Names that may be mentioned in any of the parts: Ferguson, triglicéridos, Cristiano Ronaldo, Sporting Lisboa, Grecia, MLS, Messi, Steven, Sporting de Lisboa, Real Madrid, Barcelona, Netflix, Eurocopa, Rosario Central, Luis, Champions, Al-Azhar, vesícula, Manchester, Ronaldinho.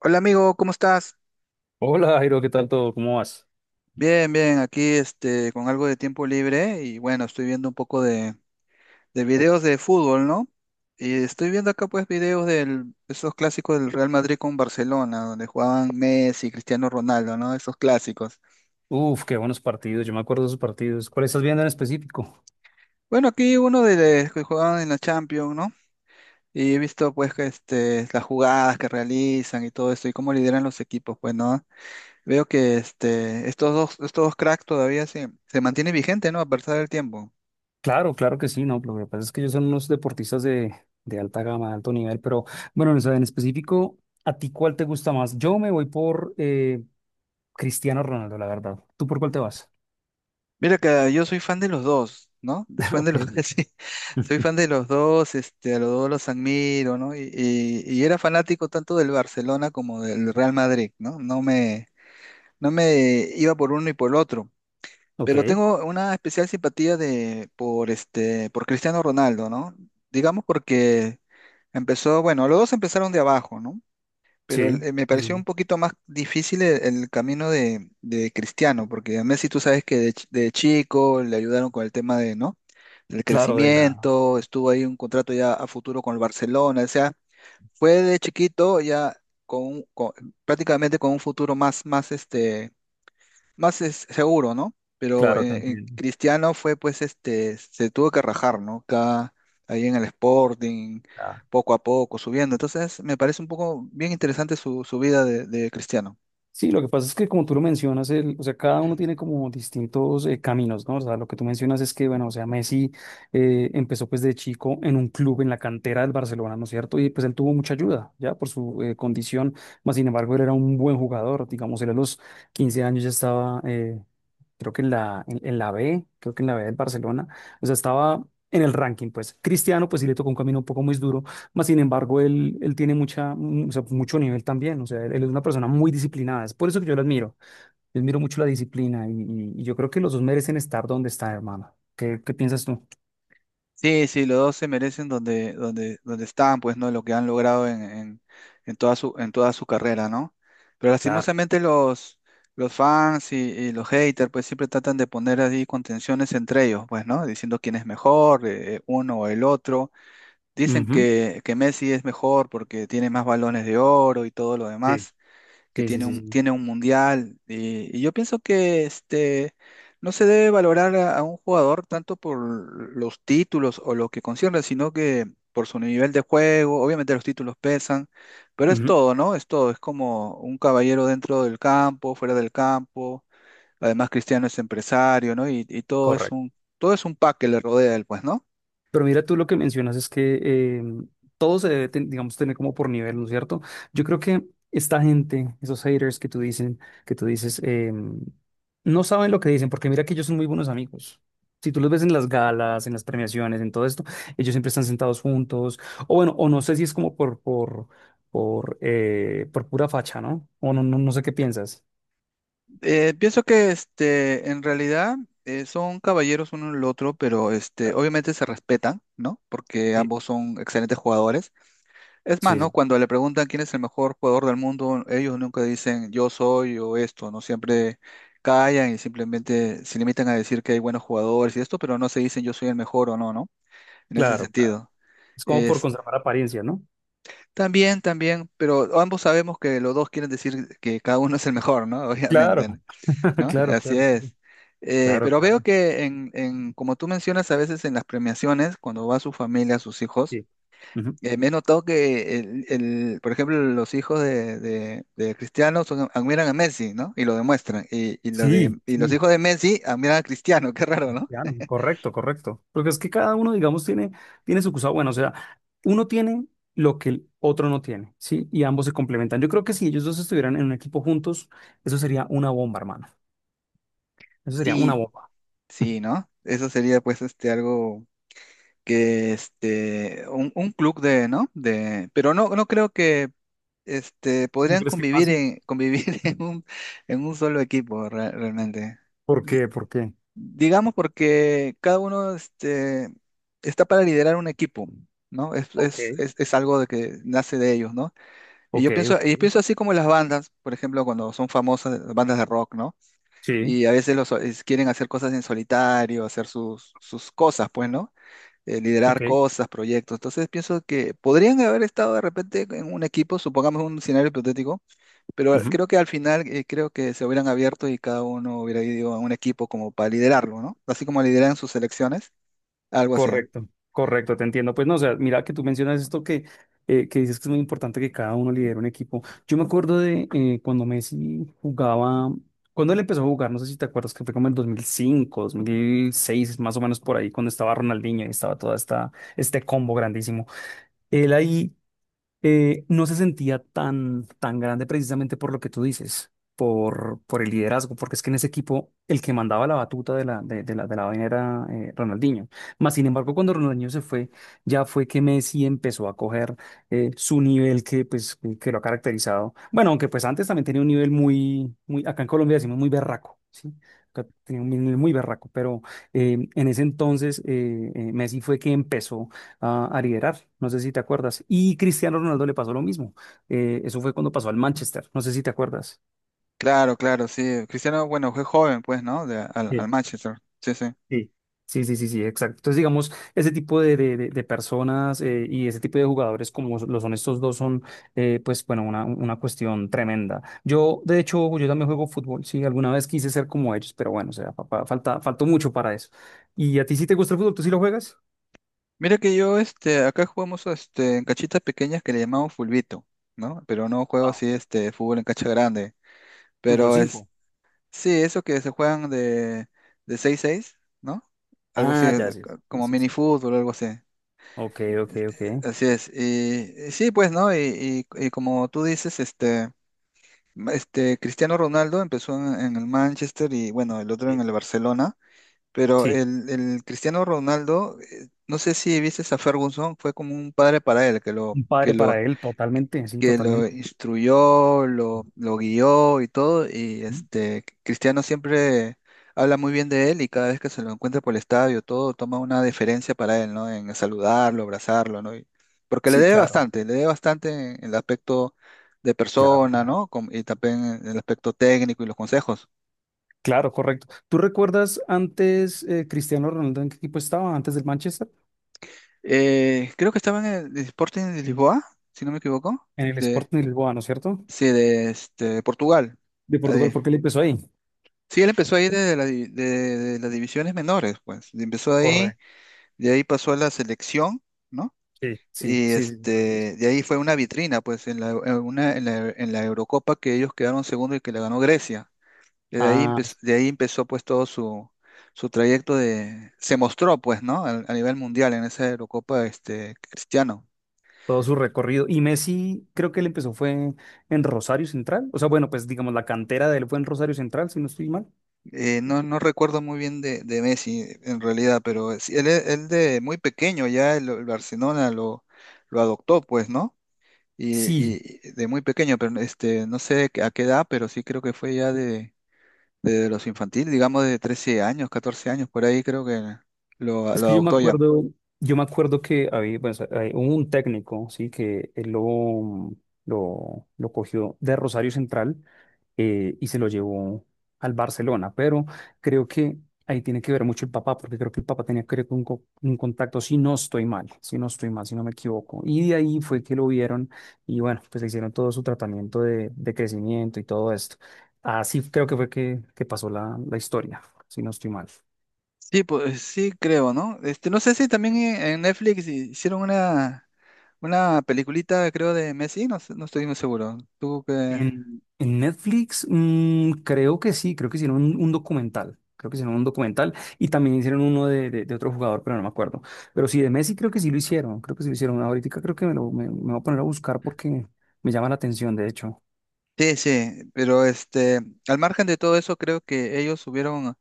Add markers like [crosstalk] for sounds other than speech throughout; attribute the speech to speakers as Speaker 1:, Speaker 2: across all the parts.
Speaker 1: Hola amigo, ¿cómo estás?
Speaker 2: Hola Jairo, ¿qué tal todo? ¿Cómo vas?
Speaker 1: Bien, bien, aquí con algo de tiempo libre y bueno, estoy viendo un poco de videos de fútbol, ¿no? Y estoy viendo acá pues videos de esos clásicos del Real Madrid con Barcelona, donde jugaban Messi, Cristiano Ronaldo, ¿no? Esos clásicos.
Speaker 2: Uf, qué buenos partidos, yo me acuerdo de esos partidos. ¿Cuál estás viendo en específico?
Speaker 1: Bueno, aquí uno de los que jugaban en la Champions, ¿no? Y he visto pues que las jugadas que realizan y todo esto y cómo lideran los equipos, pues, ¿no? Veo que estos dos cracks todavía se mantienen vigentes, ¿no? A pesar del tiempo.
Speaker 2: Claro, claro que sí, no, pero lo que pasa es que ellos son unos deportistas de alta gama, de alto nivel, pero bueno, o sea, en específico, ¿a ti cuál te gusta más? Yo me voy por Cristiano Ronaldo, la verdad. ¿Tú por cuál te vas?
Speaker 1: Mira que yo soy fan de los dos, ¿no? Soy
Speaker 2: [laughs]
Speaker 1: fan de
Speaker 2: Ok.
Speaker 1: los [laughs] sí, soy fan
Speaker 2: [laughs]
Speaker 1: de los dos, a los dos los admiro, ¿no? Y era fanático tanto del Barcelona como del Real Madrid, ¿no? No me iba por uno y por el otro.
Speaker 2: Ok,
Speaker 1: Pero tengo una especial simpatía por Cristiano Ronaldo, ¿no? Digamos porque empezó, bueno, los dos empezaron de abajo, ¿no?
Speaker 2: sí,
Speaker 1: Me
Speaker 2: sí,
Speaker 1: pareció un
Speaker 2: sí.
Speaker 1: poquito más difícil el camino de Cristiano, porque a Messi tú sabes que de chico le ayudaron con el tema de, ¿no? Del
Speaker 2: Claro, de la,
Speaker 1: crecimiento, estuvo ahí un contrato ya a futuro con el Barcelona, o sea, fue de chiquito ya con, un- con- prácticamente con un futuro más es seguro, ¿no? Pero
Speaker 2: claro, te entiendo.
Speaker 1: Cristiano fue, pues, se tuvo que rajar, ¿no? Acá, ahí en el Sporting,
Speaker 2: Ah,
Speaker 1: poco a poco, subiendo. Entonces, me parece un poco bien interesante su vida de Cristiano.
Speaker 2: sí, lo que pasa es que como tú lo mencionas, el, o sea, cada uno tiene como distintos caminos, ¿no? O sea, lo que tú mencionas es que, bueno, o sea, Messi empezó pues de chico en un club en la cantera del Barcelona, ¿no es cierto? Y pues él tuvo mucha ayuda, ya, por su condición, más sin embargo, él era un buen jugador, digamos, él a los 15 años ya estaba creo que en la B, creo que en la B del Barcelona, o sea, estaba en el ranking, pues. Cristiano, pues sí le tocó un camino un poco muy duro, más sin embargo, él tiene mucha, o sea, mucho nivel también, o sea, él es una persona muy disciplinada, es por eso que yo lo admiro, yo admiro mucho la disciplina y yo creo que los dos merecen estar donde están, hermano. ¿Qué, qué piensas tú?
Speaker 1: Sí, sí, los dos se merecen donde están, pues, ¿no? Lo que han logrado en toda en toda su carrera, ¿no? Pero
Speaker 2: Claro.
Speaker 1: lastimosamente los fans y los haters, pues, siempre tratan de poner ahí contenciones entre ellos, pues, ¿no? Diciendo quién es mejor, uno o el otro. Dicen
Speaker 2: Ujú.
Speaker 1: que Messi es mejor porque tiene más balones de oro y todo lo
Speaker 2: Sí,
Speaker 1: demás, que
Speaker 2: sí, sí, sí, sí.
Speaker 1: tiene un mundial. Y yo pienso que no se debe valorar a un jugador tanto por los títulos o lo que concierne, sino que por su nivel de juego. Obviamente los títulos pesan, pero es
Speaker 2: Ujú.
Speaker 1: todo, ¿no? Es todo. Es como un caballero dentro del campo, fuera del campo. Además, Cristiano es empresario, ¿no? Y, y todo es
Speaker 2: Correcto.
Speaker 1: un, todo es un pack que le rodea a él, pues, ¿no?
Speaker 2: Pero mira, tú lo que mencionas es que todo se debe, digamos, tener como por nivel, ¿no es cierto? Yo creo que esta gente, esos haters que tú dicen, que tú dices, no saben lo que dicen, porque mira que ellos son muy buenos amigos. Si tú los ves en las galas, en las premiaciones, en todo esto, ellos siempre están sentados juntos. O bueno, o no sé si es como por pura facha, ¿no? O no, no, no sé qué piensas.
Speaker 1: Pienso que en realidad son caballeros uno el otro, pero
Speaker 2: Claro.
Speaker 1: obviamente se respetan, ¿no? Porque
Speaker 2: Sí,
Speaker 1: ambos son excelentes jugadores. Es más,
Speaker 2: sí,
Speaker 1: ¿no?
Speaker 2: sí,
Speaker 1: Cuando le preguntan quién es el mejor jugador del mundo, ellos nunca dicen yo soy o esto, ¿no? Siempre callan y simplemente se limitan a decir que hay buenos jugadores y esto, pero no se dicen yo soy el mejor o no, ¿no? En ese
Speaker 2: claro, claro.
Speaker 1: sentido.
Speaker 2: Es como por
Speaker 1: Es,
Speaker 2: conservar apariencia, ¿no?
Speaker 1: también, también, pero ambos sabemos que los dos quieren decir que cada uno es el mejor, ¿no? [laughs]
Speaker 2: Claro,
Speaker 1: Obviamente, ¿no?
Speaker 2: [laughs]
Speaker 1: ¿no? [laughs]
Speaker 2: claro,
Speaker 1: Así
Speaker 2: claro,
Speaker 1: es.
Speaker 2: claro,
Speaker 1: Pero veo
Speaker 2: claro.
Speaker 1: que como tú mencionas a veces en las premiaciones, cuando va su familia, sus hijos,
Speaker 2: Sí, ujú,
Speaker 1: me he notado que por ejemplo, los hijos de Cristiano son- admiran a Messi, ¿no? Y lo demuestran. Y, y lo
Speaker 2: sí,
Speaker 1: de, y los
Speaker 2: sí,
Speaker 1: hijos de Messi admiran a Cristiano, [laughs] qué raro, ¿no?
Speaker 2: cristiano, correcto, correcto. Porque es que cada uno, digamos, tiene, tiene su cosa bueno, o sea, uno tiene lo que el otro no tiene, ¿sí? Y ambos se complementan. Yo creo que si ellos dos estuvieran en un equipo juntos, eso sería una bomba, hermano. Eso sería una
Speaker 1: Sí,
Speaker 2: bomba. [laughs]
Speaker 1: sí, ¿no? Eso sería pues algo un club de, ¿no? De, pero no, no creo que
Speaker 2: ¿No
Speaker 1: podrían
Speaker 2: crees que
Speaker 1: convivir
Speaker 2: pase?
Speaker 1: en, convivir [laughs] en un solo equipo realmente.
Speaker 2: ¿Por
Speaker 1: Di-
Speaker 2: qué? ¿Por qué?
Speaker 1: digamos porque cada uno está para liderar un equipo, ¿no? Es,
Speaker 2: Ok,
Speaker 1: es, es, es algo de que nace de ellos, ¿no? Y yo
Speaker 2: ok,
Speaker 1: pienso,
Speaker 2: ok.
Speaker 1: y pienso así como las bandas, por ejemplo, cuando son famosas, las bandas de rock, ¿no?
Speaker 2: Sí,
Speaker 1: Y a veces quieren hacer cosas en solitario, hacer sus cosas, pues, ¿no? Liderar
Speaker 2: ok.
Speaker 1: cosas, proyectos. Entonces pienso que podrían haber estado de repente en un equipo, supongamos un escenario hipotético, pero creo que al final creo que se hubieran abierto y cada uno hubiera ido a un equipo como para liderarlo, ¿no? Así como lideran sus selecciones, algo así.
Speaker 2: Correcto, correcto, te entiendo. Pues no, o sea, mira que tú mencionas esto que dices que es muy importante que cada uno lidere un equipo. Yo me acuerdo de cuando Messi jugaba, cuando él empezó a jugar, no sé si te acuerdas que fue como en 2005, 2006, más o menos por ahí, cuando estaba Ronaldinho y estaba toda esta, este combo grandísimo. Él ahí no se sentía tan, tan grande precisamente por lo que tú dices, por el liderazgo, porque es que en ese equipo el que mandaba la batuta de la vaina era Ronaldinho. Más sin embargo, cuando Ronaldinho se fue, ya fue que Messi empezó a coger su nivel que, pues, que lo ha caracterizado. Bueno, aunque pues antes también tenía un nivel muy, muy acá en Colombia decimos muy berraco, ¿sí? Acá tenía un nivel muy berraco, pero en ese entonces Messi fue que empezó a liderar. No sé si te acuerdas. Y Cristiano Ronaldo le pasó lo mismo. Eso fue cuando pasó al Manchester. No sé si te acuerdas.
Speaker 1: Claro, claro, sí. Cristiano, bueno, fue joven, pues, ¿no? De- al, al
Speaker 2: Sí,
Speaker 1: Manchester. Sí, sí.
Speaker 2: sí. Sí, sí, sí, sí, exacto. Entonces, digamos, ese tipo de personas y ese tipo de jugadores como lo son estos dos son, pues, bueno, una cuestión tremenda. Yo, de hecho, yo también juego fútbol, sí, alguna vez quise ser como ellos, pero bueno, o sea, faltó mucho para eso. ¿Y a ti sí te gusta el fútbol? ¿Tú sí lo juegas?
Speaker 1: Mira que yo, acá jugamos, en cachitas pequeñas que le llamamos fulbito, ¿no? Pero no juego
Speaker 2: Ah,
Speaker 1: así, fútbol en cancha grande.
Speaker 2: fútbol
Speaker 1: Pero,
Speaker 2: cinco.
Speaker 1: sí, eso que se juegan de seis seis, ¿no? Algo así,
Speaker 2: Ah, ya, sí, sí,
Speaker 1: como
Speaker 2: sí,
Speaker 1: mini
Speaker 2: sí.
Speaker 1: fútbol, algo así.
Speaker 2: Ok, ok, ok.
Speaker 1: Así es. Y sí, pues, ¿no? Y como tú dices, este Cristiano Ronaldo empezó en el Manchester y bueno, el otro en
Speaker 2: Sí.
Speaker 1: el Barcelona. Pero
Speaker 2: Sí.
Speaker 1: el Cristiano Ronaldo, no sé si viste a Ferguson, fue como un padre para él,
Speaker 2: Un padre para él, totalmente, sí,
Speaker 1: que lo
Speaker 2: totalmente.
Speaker 1: instruyó, lo guió y todo, y
Speaker 2: ¿Mm?
Speaker 1: Cristiano siempre habla muy bien de él y cada vez que se lo encuentra por el estadio, todo toma una deferencia para él, ¿no? En saludarlo, abrazarlo, ¿no? Y- porque
Speaker 2: Sí, claro,
Speaker 1: le debe bastante en el aspecto de
Speaker 2: claro,
Speaker 1: persona,
Speaker 2: claro.
Speaker 1: ¿no? Y también en el aspecto técnico y los consejos.
Speaker 2: Claro, correcto. ¿Tú recuerdas antes Cristiano Ronaldo en qué equipo estaba? Antes del Manchester,
Speaker 1: Creo que estaba en el Sporting de Lisboa, si no me equivoco,
Speaker 2: en el
Speaker 1: de,
Speaker 2: Sporting Lisboa, ¿no es cierto?
Speaker 1: sí, de Portugal.
Speaker 2: De Portugal,
Speaker 1: Ahí.
Speaker 2: ¿por qué le empezó ahí?
Speaker 1: Sí, él empezó ahí desde de las divisiones menores, pues. Empezó ahí,
Speaker 2: Correcto.
Speaker 1: de ahí pasó a la selección, ¿no?
Speaker 2: Sí, sí,
Speaker 1: Y
Speaker 2: sí, sí, señor, así.
Speaker 1: de ahí fue una vitrina, pues, en la, en una, en la Eurocopa que ellos quedaron segundo y que la ganó Grecia.
Speaker 2: Ah,
Speaker 1: De ahí empezó pues todo su trayecto de, se mostró pues, ¿no? A nivel mundial en esa Eurocopa, Cristiano.
Speaker 2: todo su recorrido. Y Messi, creo que él empezó fue en Rosario Central. O sea, bueno, pues digamos, la cantera de él fue en Rosario Central, si no estoy mal.
Speaker 1: No recuerdo muy bien de Messi en realidad, pero sí, él de muy pequeño ya el Barcelona lo adoptó, pues, ¿no? y,
Speaker 2: Sí,
Speaker 1: y de muy pequeño, pero no sé a qué edad, pero sí creo que fue ya de los infantiles, digamos de 13 años, 14 años, por ahí creo que
Speaker 2: es
Speaker 1: lo
Speaker 2: que
Speaker 1: adoptó ya.
Speaker 2: yo me acuerdo que había, bueno, o sea, un técnico, sí, que él lo cogió de Rosario Central y se lo llevó al Barcelona, pero creo que ahí tiene que ver mucho el papá, porque creo que el papá tenía que ver con un contacto, si no estoy mal, si no estoy mal, si no me equivoco. Y de ahí fue que lo vieron y bueno, pues le hicieron todo su tratamiento de crecimiento y todo esto. Así creo que fue que pasó la, la historia, si no estoy mal.
Speaker 1: Sí, pues sí creo, ¿no? Este, no sé si también en Netflix hicieron una peliculita, creo, de Messi, no, sé- no estoy muy seguro. Tú que...
Speaker 2: En Netflix, creo que sí, creo que hicieron un documental. Creo que hicieron un documental y también hicieron uno de otro jugador, pero no me acuerdo. Pero sí, de Messi creo que sí lo hicieron, creo que sí lo hicieron. Ahorita creo que me, lo, me voy a poner a buscar porque me llama la atención, de hecho.
Speaker 1: Sí, sí, pero al margen de todo eso, creo que ellos subieron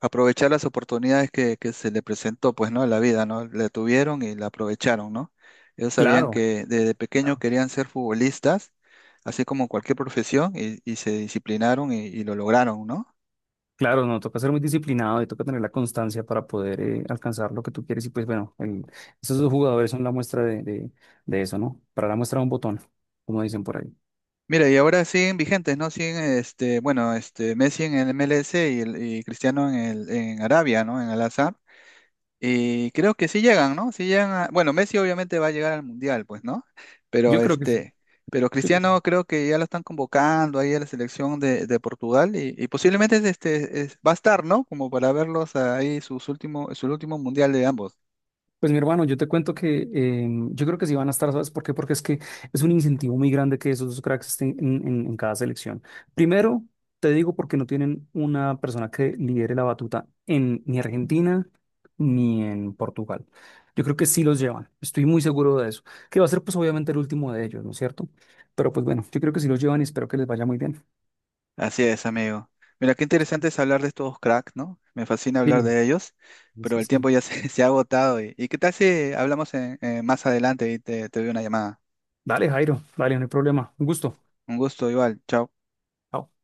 Speaker 1: aprovechar las oportunidades que se le presentó, pues, ¿no? En la vida, ¿no? La tuvieron y la aprovecharon, ¿no? Ellos sabían
Speaker 2: Claro,
Speaker 1: que desde pequeño querían ser futbolistas, así como cualquier profesión, y se disciplinaron y lo lograron, ¿no?
Speaker 2: claro, no, toca ser muy disciplinado y toca tener la constancia para poder alcanzar lo que tú quieres. Y pues bueno, esos dos jugadores son la muestra de eso, ¿no? Para la muestra de un botón, como dicen por ahí.
Speaker 1: Mira, y ahora siguen vigentes, ¿no? Siguen, Messi en el MLS y Cristiano en en Arabia, ¿no? En Al-Azhar. Y creo que sí llegan, ¿no? Sí llegan a- Bueno, Messi obviamente va a llegar al Mundial, pues, ¿no? Pero
Speaker 2: Yo creo que sí.
Speaker 1: pero Cristiano creo que ya lo están convocando ahí a la selección de Portugal y posiblemente va a estar, ¿no? Como para verlos ahí sus últimos, su último Mundial de ambos.
Speaker 2: Pues mi hermano, yo te cuento que yo creo que sí van a estar, ¿sabes por qué? Porque es que es un incentivo muy grande que esos dos cracks estén en cada selección. Primero, te digo porque no tienen una persona que lidere la batuta en ni Argentina ni en Portugal. Yo creo que sí los llevan, estoy muy seguro de eso. Que va a ser pues obviamente el último de ellos, ¿no es cierto? Pero pues bueno, yo creo que sí los llevan y espero que les vaya muy bien.
Speaker 1: Así es, amigo. Mira, qué interesante es hablar de estos cracks, ¿no? Me fascina hablar
Speaker 2: Sí,
Speaker 1: de ellos, pero
Speaker 2: sí,
Speaker 1: el
Speaker 2: sí.
Speaker 1: tiempo ya se, [laughs] se ha agotado. Y qué tal si hablamos en- más adelante y te doy una llamada?
Speaker 2: Dale, Jairo, dale, no hay problema. Un gusto.
Speaker 1: Un gusto, igual. Chao.
Speaker 2: Chao.